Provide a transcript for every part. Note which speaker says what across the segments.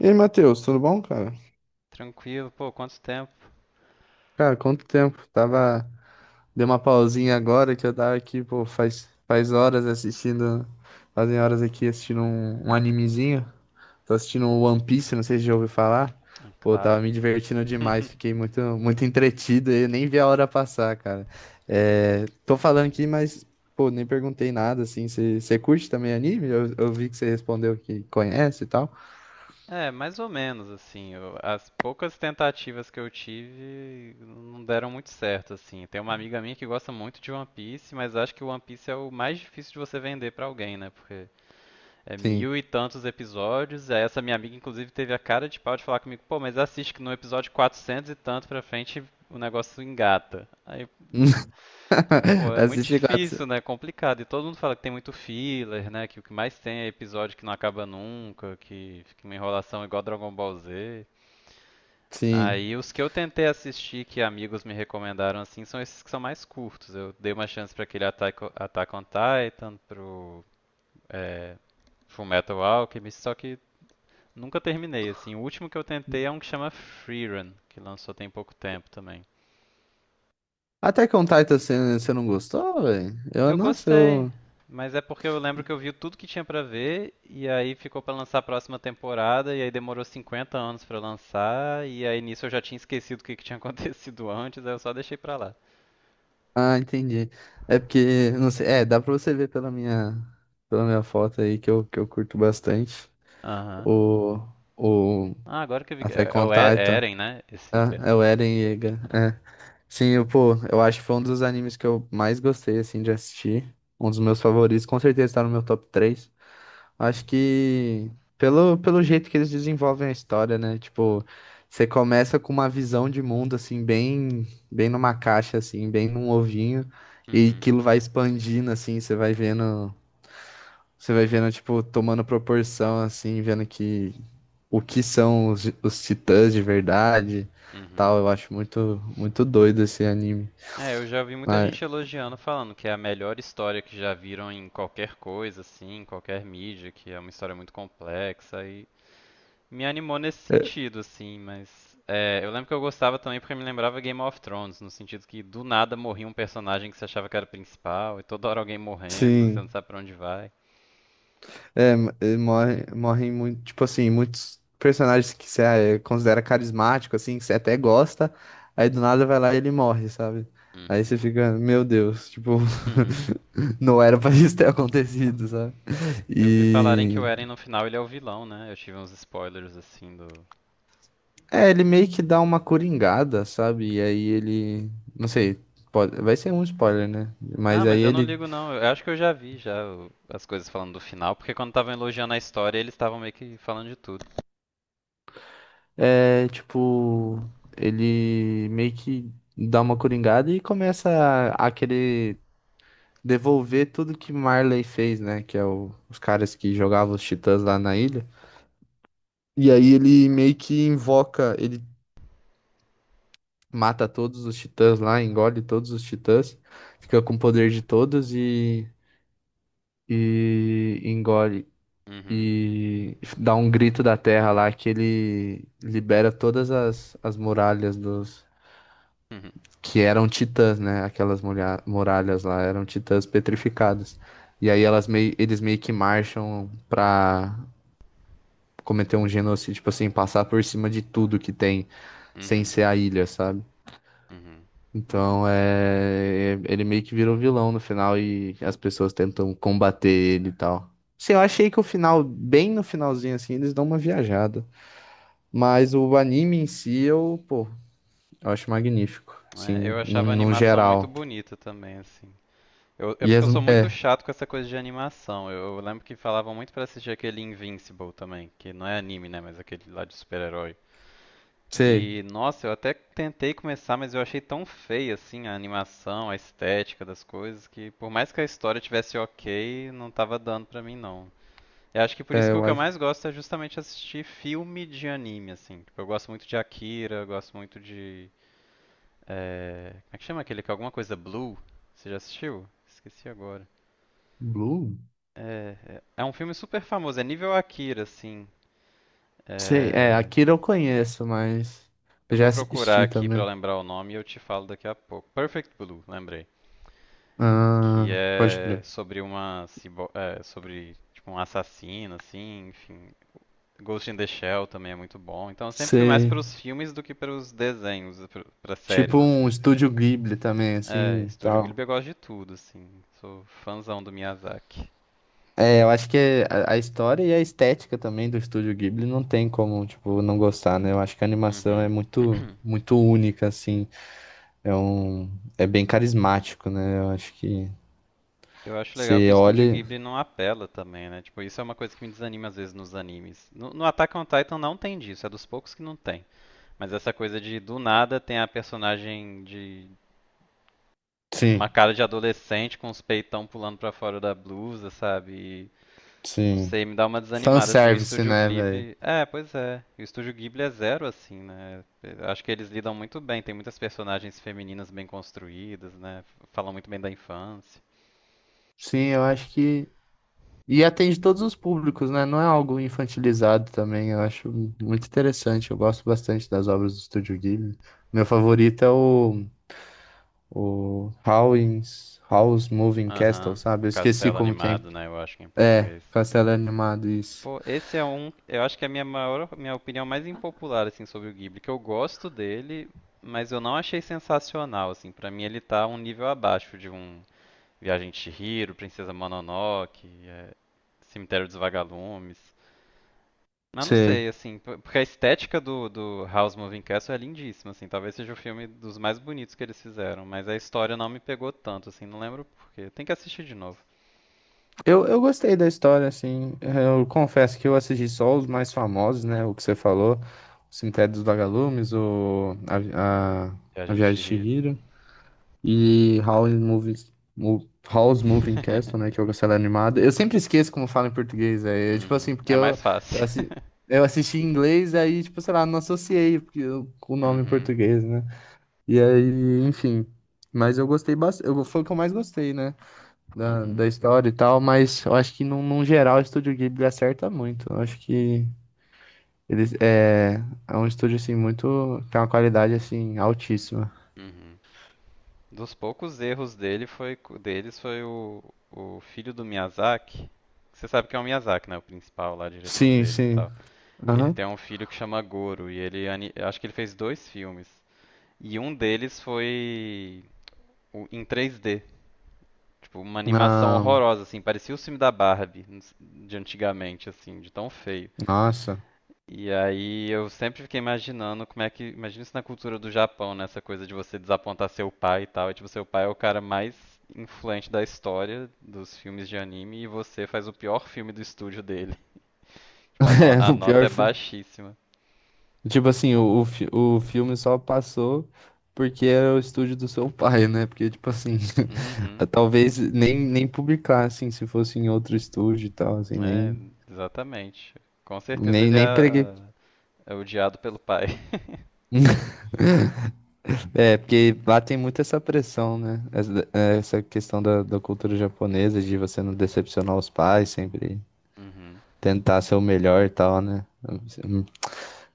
Speaker 1: E aí, Matheus, tudo bom, cara?
Speaker 2: Tranquilo, pô, quanto tempo?
Speaker 1: Cara, quanto tempo? Tava. Dei uma pausinha agora que eu tava aqui, pô, faz horas assistindo. Fazem horas aqui assistindo um animezinho. Tô assistindo o One Piece, não sei se já ouviu falar.
Speaker 2: Ah,
Speaker 1: Pô,
Speaker 2: claro.
Speaker 1: tava me divertindo demais, fiquei muito, muito entretido e eu nem vi a hora passar, cara. É, tô falando aqui, mas, pô, nem perguntei nada, assim. Você curte também anime? Eu vi que você respondeu que conhece e tal.
Speaker 2: É, mais ou menos assim. As poucas tentativas que eu tive não deram muito certo, assim. Tem uma amiga minha que gosta muito de One Piece, mas acho que o One Piece é o mais difícil de você vender pra alguém, né? Porque é
Speaker 1: Sim.
Speaker 2: mil e tantos episódios. E aí essa minha amiga, inclusive, teve a cara de pau de falar comigo, pô, mas assiste que no episódio 400 e tanto pra frente o negócio engata. Aí. Pô, é muito
Speaker 1: Assisti quatro.
Speaker 2: difícil, né? É complicado. E todo mundo fala que tem muito filler, né? Que o que mais tem é episódio que não acaba nunca, que fica uma enrolação igual Dragon Ball Z.
Speaker 1: Sim.
Speaker 2: Aí os que eu tentei assistir que amigos me recomendaram assim são esses que são mais curtos. Eu dei uma chance pra aquele Attack on Titan, pro é, Fullmetal Alchemist, só que nunca terminei assim. O último que eu tentei é um que chama Freerun, que lançou tem pouco tempo também.
Speaker 1: Attack on Titan você não gostou, velho? Eu,
Speaker 2: Eu
Speaker 1: nossa,
Speaker 2: gostei,
Speaker 1: eu.
Speaker 2: mas é porque eu lembro que eu vi tudo que tinha pra ver e aí ficou pra lançar a próxima temporada e aí demorou 50 anos pra lançar e aí nisso eu já tinha esquecido o que que tinha acontecido antes, aí eu só deixei pra lá.
Speaker 1: Ah, entendi. É porque, não sei, é, dá pra você ver pela minha foto aí que eu curto bastante.
Speaker 2: Aham.
Speaker 1: O, o
Speaker 2: Ah, agora que eu vi que é,
Speaker 1: Attack
Speaker 2: é
Speaker 1: on
Speaker 2: o é
Speaker 1: Titan.
Speaker 2: Eren, né? Esse
Speaker 1: É, é o
Speaker 2: personagem.
Speaker 1: Eren Yeager. É. Sim, eu, pô, eu acho que foi um dos animes que eu mais gostei, assim, de assistir. Um dos meus favoritos, com certeza tá no meu top 3. Acho que pelo, pelo jeito que eles desenvolvem a história, né? Tipo, você começa com uma visão de mundo, assim, bem, bem numa caixa, assim, bem num ovinho, e
Speaker 2: Uhum.
Speaker 1: aquilo vai expandindo, assim, você vai vendo, tipo, tomando proporção, assim, vendo que o que são os titãs de verdade, tal.
Speaker 2: Uhum.
Speaker 1: Eu acho muito, muito doido esse anime.
Speaker 2: É, eu já vi muita
Speaker 1: Mas,
Speaker 2: gente elogiando, falando que é a melhor história que já viram em qualquer coisa, assim, em qualquer mídia, que é uma história muito complexa. Me animou nesse
Speaker 1: é,
Speaker 2: sentido, assim, mas eu lembro que eu gostava também porque me lembrava Game of Thrones, no sentido que do nada morria um personagem que você achava que era o principal, e toda hora alguém morrendo, você não
Speaker 1: sim.
Speaker 2: sabe pra onde vai.
Speaker 1: É, morre, morrem muito, tipo assim, muitos personagens que você é, considera carismático, assim, que você até gosta, aí do nada vai lá e ele morre, sabe? Aí
Speaker 2: Uhum.
Speaker 1: você fica, meu Deus, tipo, não era pra isso ter acontecido, sabe?
Speaker 2: Eu vi falarem que o
Speaker 1: E
Speaker 2: Eren no final ele é o vilão, né? Eu tive uns spoilers assim do.
Speaker 1: é, ele meio que dá uma coringada, sabe? E aí ele, não sei, pode, vai ser um spoiler, né? Mas
Speaker 2: Ah,
Speaker 1: aí
Speaker 2: mas eu não
Speaker 1: ele
Speaker 2: ligo não. Eu acho que eu já vi já as coisas falando do final, porque quando estavam elogiando a história, eles estavam meio que falando de tudo.
Speaker 1: é tipo, ele meio que dá uma coringada e começa a querer devolver tudo que Marley fez, né? Que é os caras que jogavam os titãs lá na ilha. E aí ele meio que invoca, ele mata todos os titãs lá, engole todos os titãs, fica com o poder de todos e engole.
Speaker 2: Uhum.
Speaker 1: E dá um grito da terra lá que ele libera todas as, as muralhas dos.
Speaker 2: Uhum.
Speaker 1: Que eram titãs, né? Aquelas muralhas lá eram titãs petrificadas. E aí elas meio, eles meio que marcham pra cometer um genocídio, tipo assim, passar por cima de tudo que tem, sem
Speaker 2: Uhum.
Speaker 1: ser a ilha, sabe?
Speaker 2: Uhum.
Speaker 1: Então, ele meio que vira um vilão no final e as pessoas tentam combater ele e tal. Sim, eu achei que o final, bem no finalzinho assim, eles dão uma viajada. Mas o anime em si, eu, pô, eu acho magnífico.
Speaker 2: É,
Speaker 1: Assim,
Speaker 2: eu
Speaker 1: num,
Speaker 2: achava a
Speaker 1: num
Speaker 2: animação muito
Speaker 1: geral.
Speaker 2: bonita também, assim. É
Speaker 1: E
Speaker 2: porque
Speaker 1: as,
Speaker 2: eu sou muito
Speaker 1: é,
Speaker 2: chato com essa coisa de animação. Eu lembro que falavam muito pra assistir aquele Invincible também, que não é anime, né, mas aquele lá de super-herói.
Speaker 1: sei,
Speaker 2: E nossa, eu até tentei começar, mas eu achei tão feia assim a animação, a estética das coisas, que por mais que a história tivesse ok, não tava dando pra mim não. Eu acho que por isso
Speaker 1: é,
Speaker 2: que o
Speaker 1: eu
Speaker 2: que eu
Speaker 1: acho.
Speaker 2: mais gosto é justamente assistir filme de anime, assim. Tipo, eu gosto muito de Akira, eu gosto muito de. Como é que chama aquele que é alguma coisa Blue? Você já assistiu? Esqueci agora.
Speaker 1: Blue?
Speaker 2: É, é um filme super famoso, é nível Akira, assim.
Speaker 1: Sei, é,
Speaker 2: É,
Speaker 1: Akira eu conheço, mas eu
Speaker 2: eu vou
Speaker 1: já
Speaker 2: procurar
Speaker 1: assisti
Speaker 2: aqui pra
Speaker 1: também.
Speaker 2: lembrar o nome e eu te falo daqui a pouco. Perfect Blue, lembrei. Que
Speaker 1: Ah, pode
Speaker 2: é
Speaker 1: crer.
Speaker 2: sobre uma sobre tipo um assassino, assim, enfim. Ghost in the Shell também é muito bom. Então eu sempre fui mais
Speaker 1: Sei.
Speaker 2: pros filmes do que pros desenhos, pra séries,
Speaker 1: Tipo um
Speaker 2: assim.
Speaker 1: estúdio Ghibli também,
Speaker 2: É,
Speaker 1: assim, e
Speaker 2: Estúdio Ghibli
Speaker 1: tal.
Speaker 2: eu gosto de tudo, assim. Sou fãzão do Miyazaki.
Speaker 1: É, eu acho que é a história e a estética também do estúdio Ghibli não tem como, tipo, não gostar, né? Eu acho que a animação é
Speaker 2: Uhum.
Speaker 1: muito, muito única, assim. É um, é bem carismático, né? Eu acho que
Speaker 2: Eu acho legal que
Speaker 1: você
Speaker 2: o estúdio
Speaker 1: olha.
Speaker 2: Ghibli não apela também, né? Tipo, isso é uma coisa que me desanima às vezes nos animes. No Attack on Titan não tem disso, é dos poucos que não tem. Mas essa coisa de do nada tem a personagem de com uma
Speaker 1: Sim,
Speaker 2: cara de adolescente, com os peitão pulando pra fora da blusa, sabe? E, não
Speaker 1: sim.
Speaker 2: sei, me dá uma desanimada assim. O
Speaker 1: Fanservice,
Speaker 2: estúdio
Speaker 1: né, velho?
Speaker 2: Ghibli, pois é. O estúdio Ghibli é zero assim, né? Eu acho que eles lidam muito bem, tem muitas personagens femininas bem construídas, né? Falam muito bem da infância.
Speaker 1: Sim, eu acho que. E atende todos os públicos, né? Não é algo infantilizado também. Eu acho muito interessante. Eu gosto bastante das obras do Estúdio Ghibli. Meu favorito é o Howl's Moving Castle,
Speaker 2: Aham, o
Speaker 1: sabe? Eu esqueci
Speaker 2: Castelo
Speaker 1: como que é.
Speaker 2: Animado, né? Eu acho que é em
Speaker 1: É,
Speaker 2: português.
Speaker 1: Castelo Animado, isso.
Speaker 2: Pô, esse é um. Eu acho que é a minha maior, minha opinião mais impopular assim sobre o Ghibli, que eu gosto dele, mas eu não achei sensacional assim. Pra mim ele tá um nível abaixo de um Viagem de Chihiro, Princesa Mononoke, Cemitério dos Vagalumes. Mas não
Speaker 1: Sei.
Speaker 2: sei, assim, porque a estética do House Moving Castle é lindíssima, assim, talvez seja o filme dos mais bonitos que eles fizeram, mas a história não me pegou tanto, assim, não lembro por quê. Tem que assistir de novo.
Speaker 1: Eu gostei da história, assim. Eu confesso que eu assisti só os mais famosos, né? O que você falou. O Cemitério dos Vagalumes, o... A, a, a
Speaker 2: Viagem de
Speaker 1: Viagem de
Speaker 2: Chihiro.
Speaker 1: Chihiro. E Howl's Moving Castle, né, que é o castelo animado. Eu sempre esqueço como fala em português, é, é tipo assim,
Speaker 2: Uhum.
Speaker 1: porque
Speaker 2: É mais
Speaker 1: eu,
Speaker 2: fácil.
Speaker 1: assi- eu assisti em inglês, aí, tipo, sei lá, não associei com o nome em
Speaker 2: Uhum.
Speaker 1: português, né? E aí, enfim, mas eu gostei bastante, eu, foi o que eu mais gostei, né, da,
Speaker 2: Uhum.
Speaker 1: da história e tal, mas eu acho que, num, num geral, o Estúdio Ghibli acerta muito, eu acho que... Eles, é, é um estúdio, assim, muito... Tem uma qualidade, assim, altíssima.
Speaker 2: Uhum. Dos poucos erros dele deles foi o filho do Miyazaki. Você sabe que é o Miyazaki, né? O principal lá, diretor
Speaker 1: Sim,
Speaker 2: deles e
Speaker 1: sim.
Speaker 2: tal. Ele
Speaker 1: Aham.
Speaker 2: tem um filho que chama Goro e ele acho que ele fez dois filmes. E um deles foi em 3D. Tipo, uma animação
Speaker 1: Ah,
Speaker 2: horrorosa, assim. Parecia o filme da Barbie de antigamente, assim, de tão feio.
Speaker 1: nossa.
Speaker 2: E aí eu sempre fiquei imaginando como é que. Imagina isso na cultura do Japão, né? Essa coisa de você desapontar seu pai e tal. E tipo, seu pai é o cara mais influente da história dos filmes de anime e você faz o pior filme do estúdio dele. Tipo, a, no-
Speaker 1: É,
Speaker 2: a
Speaker 1: o
Speaker 2: nota
Speaker 1: pior
Speaker 2: é
Speaker 1: filme.
Speaker 2: baixíssima.
Speaker 1: Tipo assim, o filme só passou porque era o estúdio do seu pai, né? Porque, tipo assim,
Speaker 2: Uhum.
Speaker 1: talvez nem, nem publicar, assim, se fosse em outro estúdio e tal, assim,
Speaker 2: É,
Speaker 1: nem,
Speaker 2: exatamente. Com certeza
Speaker 1: nem,
Speaker 2: ele
Speaker 1: nem preguei.
Speaker 2: é odiado pelo pai.
Speaker 1: É, porque lá tem muito essa pressão, né? Essa questão da, da cultura japonesa, de você não decepcionar os pais, sempre
Speaker 2: Uhum.
Speaker 1: tentar ser o melhor e tal, né?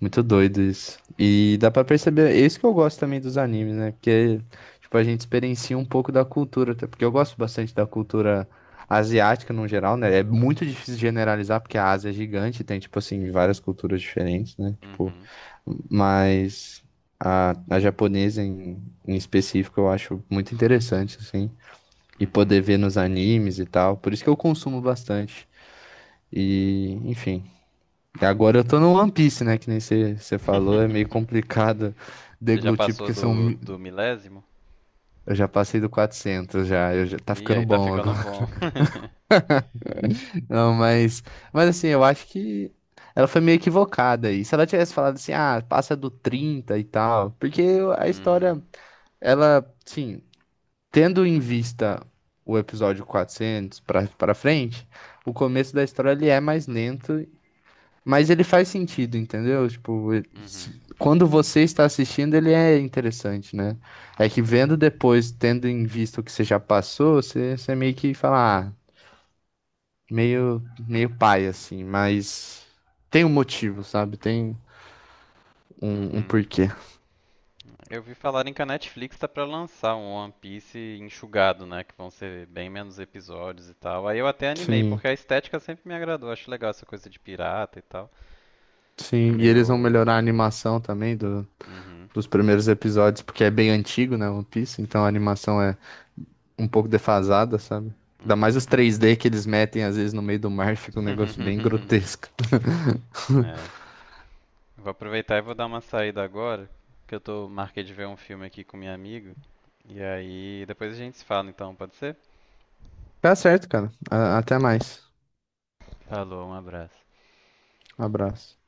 Speaker 1: Muito doido isso. E dá pra perceber, é isso que eu gosto também dos animes, né? Porque, tipo, a gente experiencia um pouco da cultura, até porque eu gosto bastante da cultura asiática no geral, né? É muito difícil generalizar, porque a Ásia é gigante, tem, tipo assim, várias culturas diferentes, né? Tipo,
Speaker 2: Uhum.
Speaker 1: mas a japonesa em, em específico eu acho muito interessante, assim, e poder
Speaker 2: Uhum.
Speaker 1: ver nos animes e tal. Por isso que eu consumo bastante. E, enfim. E agora eu tô no One Piece, né? Que nem você falou, é meio complicado
Speaker 2: Você já
Speaker 1: deglutir,
Speaker 2: passou
Speaker 1: porque são.
Speaker 2: do, do milésimo?
Speaker 1: Eu já passei do 400 já, eu já tá
Speaker 2: Ih,
Speaker 1: ficando
Speaker 2: aí tá
Speaker 1: bom
Speaker 2: ficando
Speaker 1: agora.
Speaker 2: bom.
Speaker 1: Não, mas. Mas assim, eu acho que ela foi meio equivocada aí. Se ela tivesse falado assim, ah, passa do 30 e tal. Porque a
Speaker 2: Uhum.
Speaker 1: história, ela, sim, tendo em vista o episódio 400 pra, pra frente, o começo da história ele é mais lento. Mas ele faz sentido, entendeu? Tipo,
Speaker 2: Uhum.
Speaker 1: quando você está assistindo, ele é interessante, né? É que vendo depois, tendo em vista o que você já passou, você, você meio que fala, ah, meio, meio pai, assim, mas tem um motivo, sabe? Tem um, um
Speaker 2: Uhum.
Speaker 1: porquê.
Speaker 2: Eu vi falarem que a Netflix tá pra lançar um One Piece enxugado, né? Que vão ser bem menos episódios e tal. Aí eu até animei,
Speaker 1: Sim,
Speaker 2: porque a estética sempre me agradou. Acho legal essa coisa de pirata e tal.
Speaker 1: sim. E eles vão
Speaker 2: Meio.
Speaker 1: melhorar a animação também do,
Speaker 2: Uhum.
Speaker 1: dos primeiros episódios, porque é bem antigo, né? One Piece, então a animação é um pouco defasada, sabe? Ainda mais
Speaker 2: Uhum.
Speaker 1: os 3D que eles metem às vezes no meio do mar, fica um negócio bem grotesco.
Speaker 2: É. Vou aproveitar e vou dar uma saída agora, que eu tô marquei de ver um filme aqui com minha amiga. E aí depois a gente se fala então, pode ser?
Speaker 1: Tá certo, cara. A- Até mais.
Speaker 2: Falou, um abraço.
Speaker 1: Um abraço.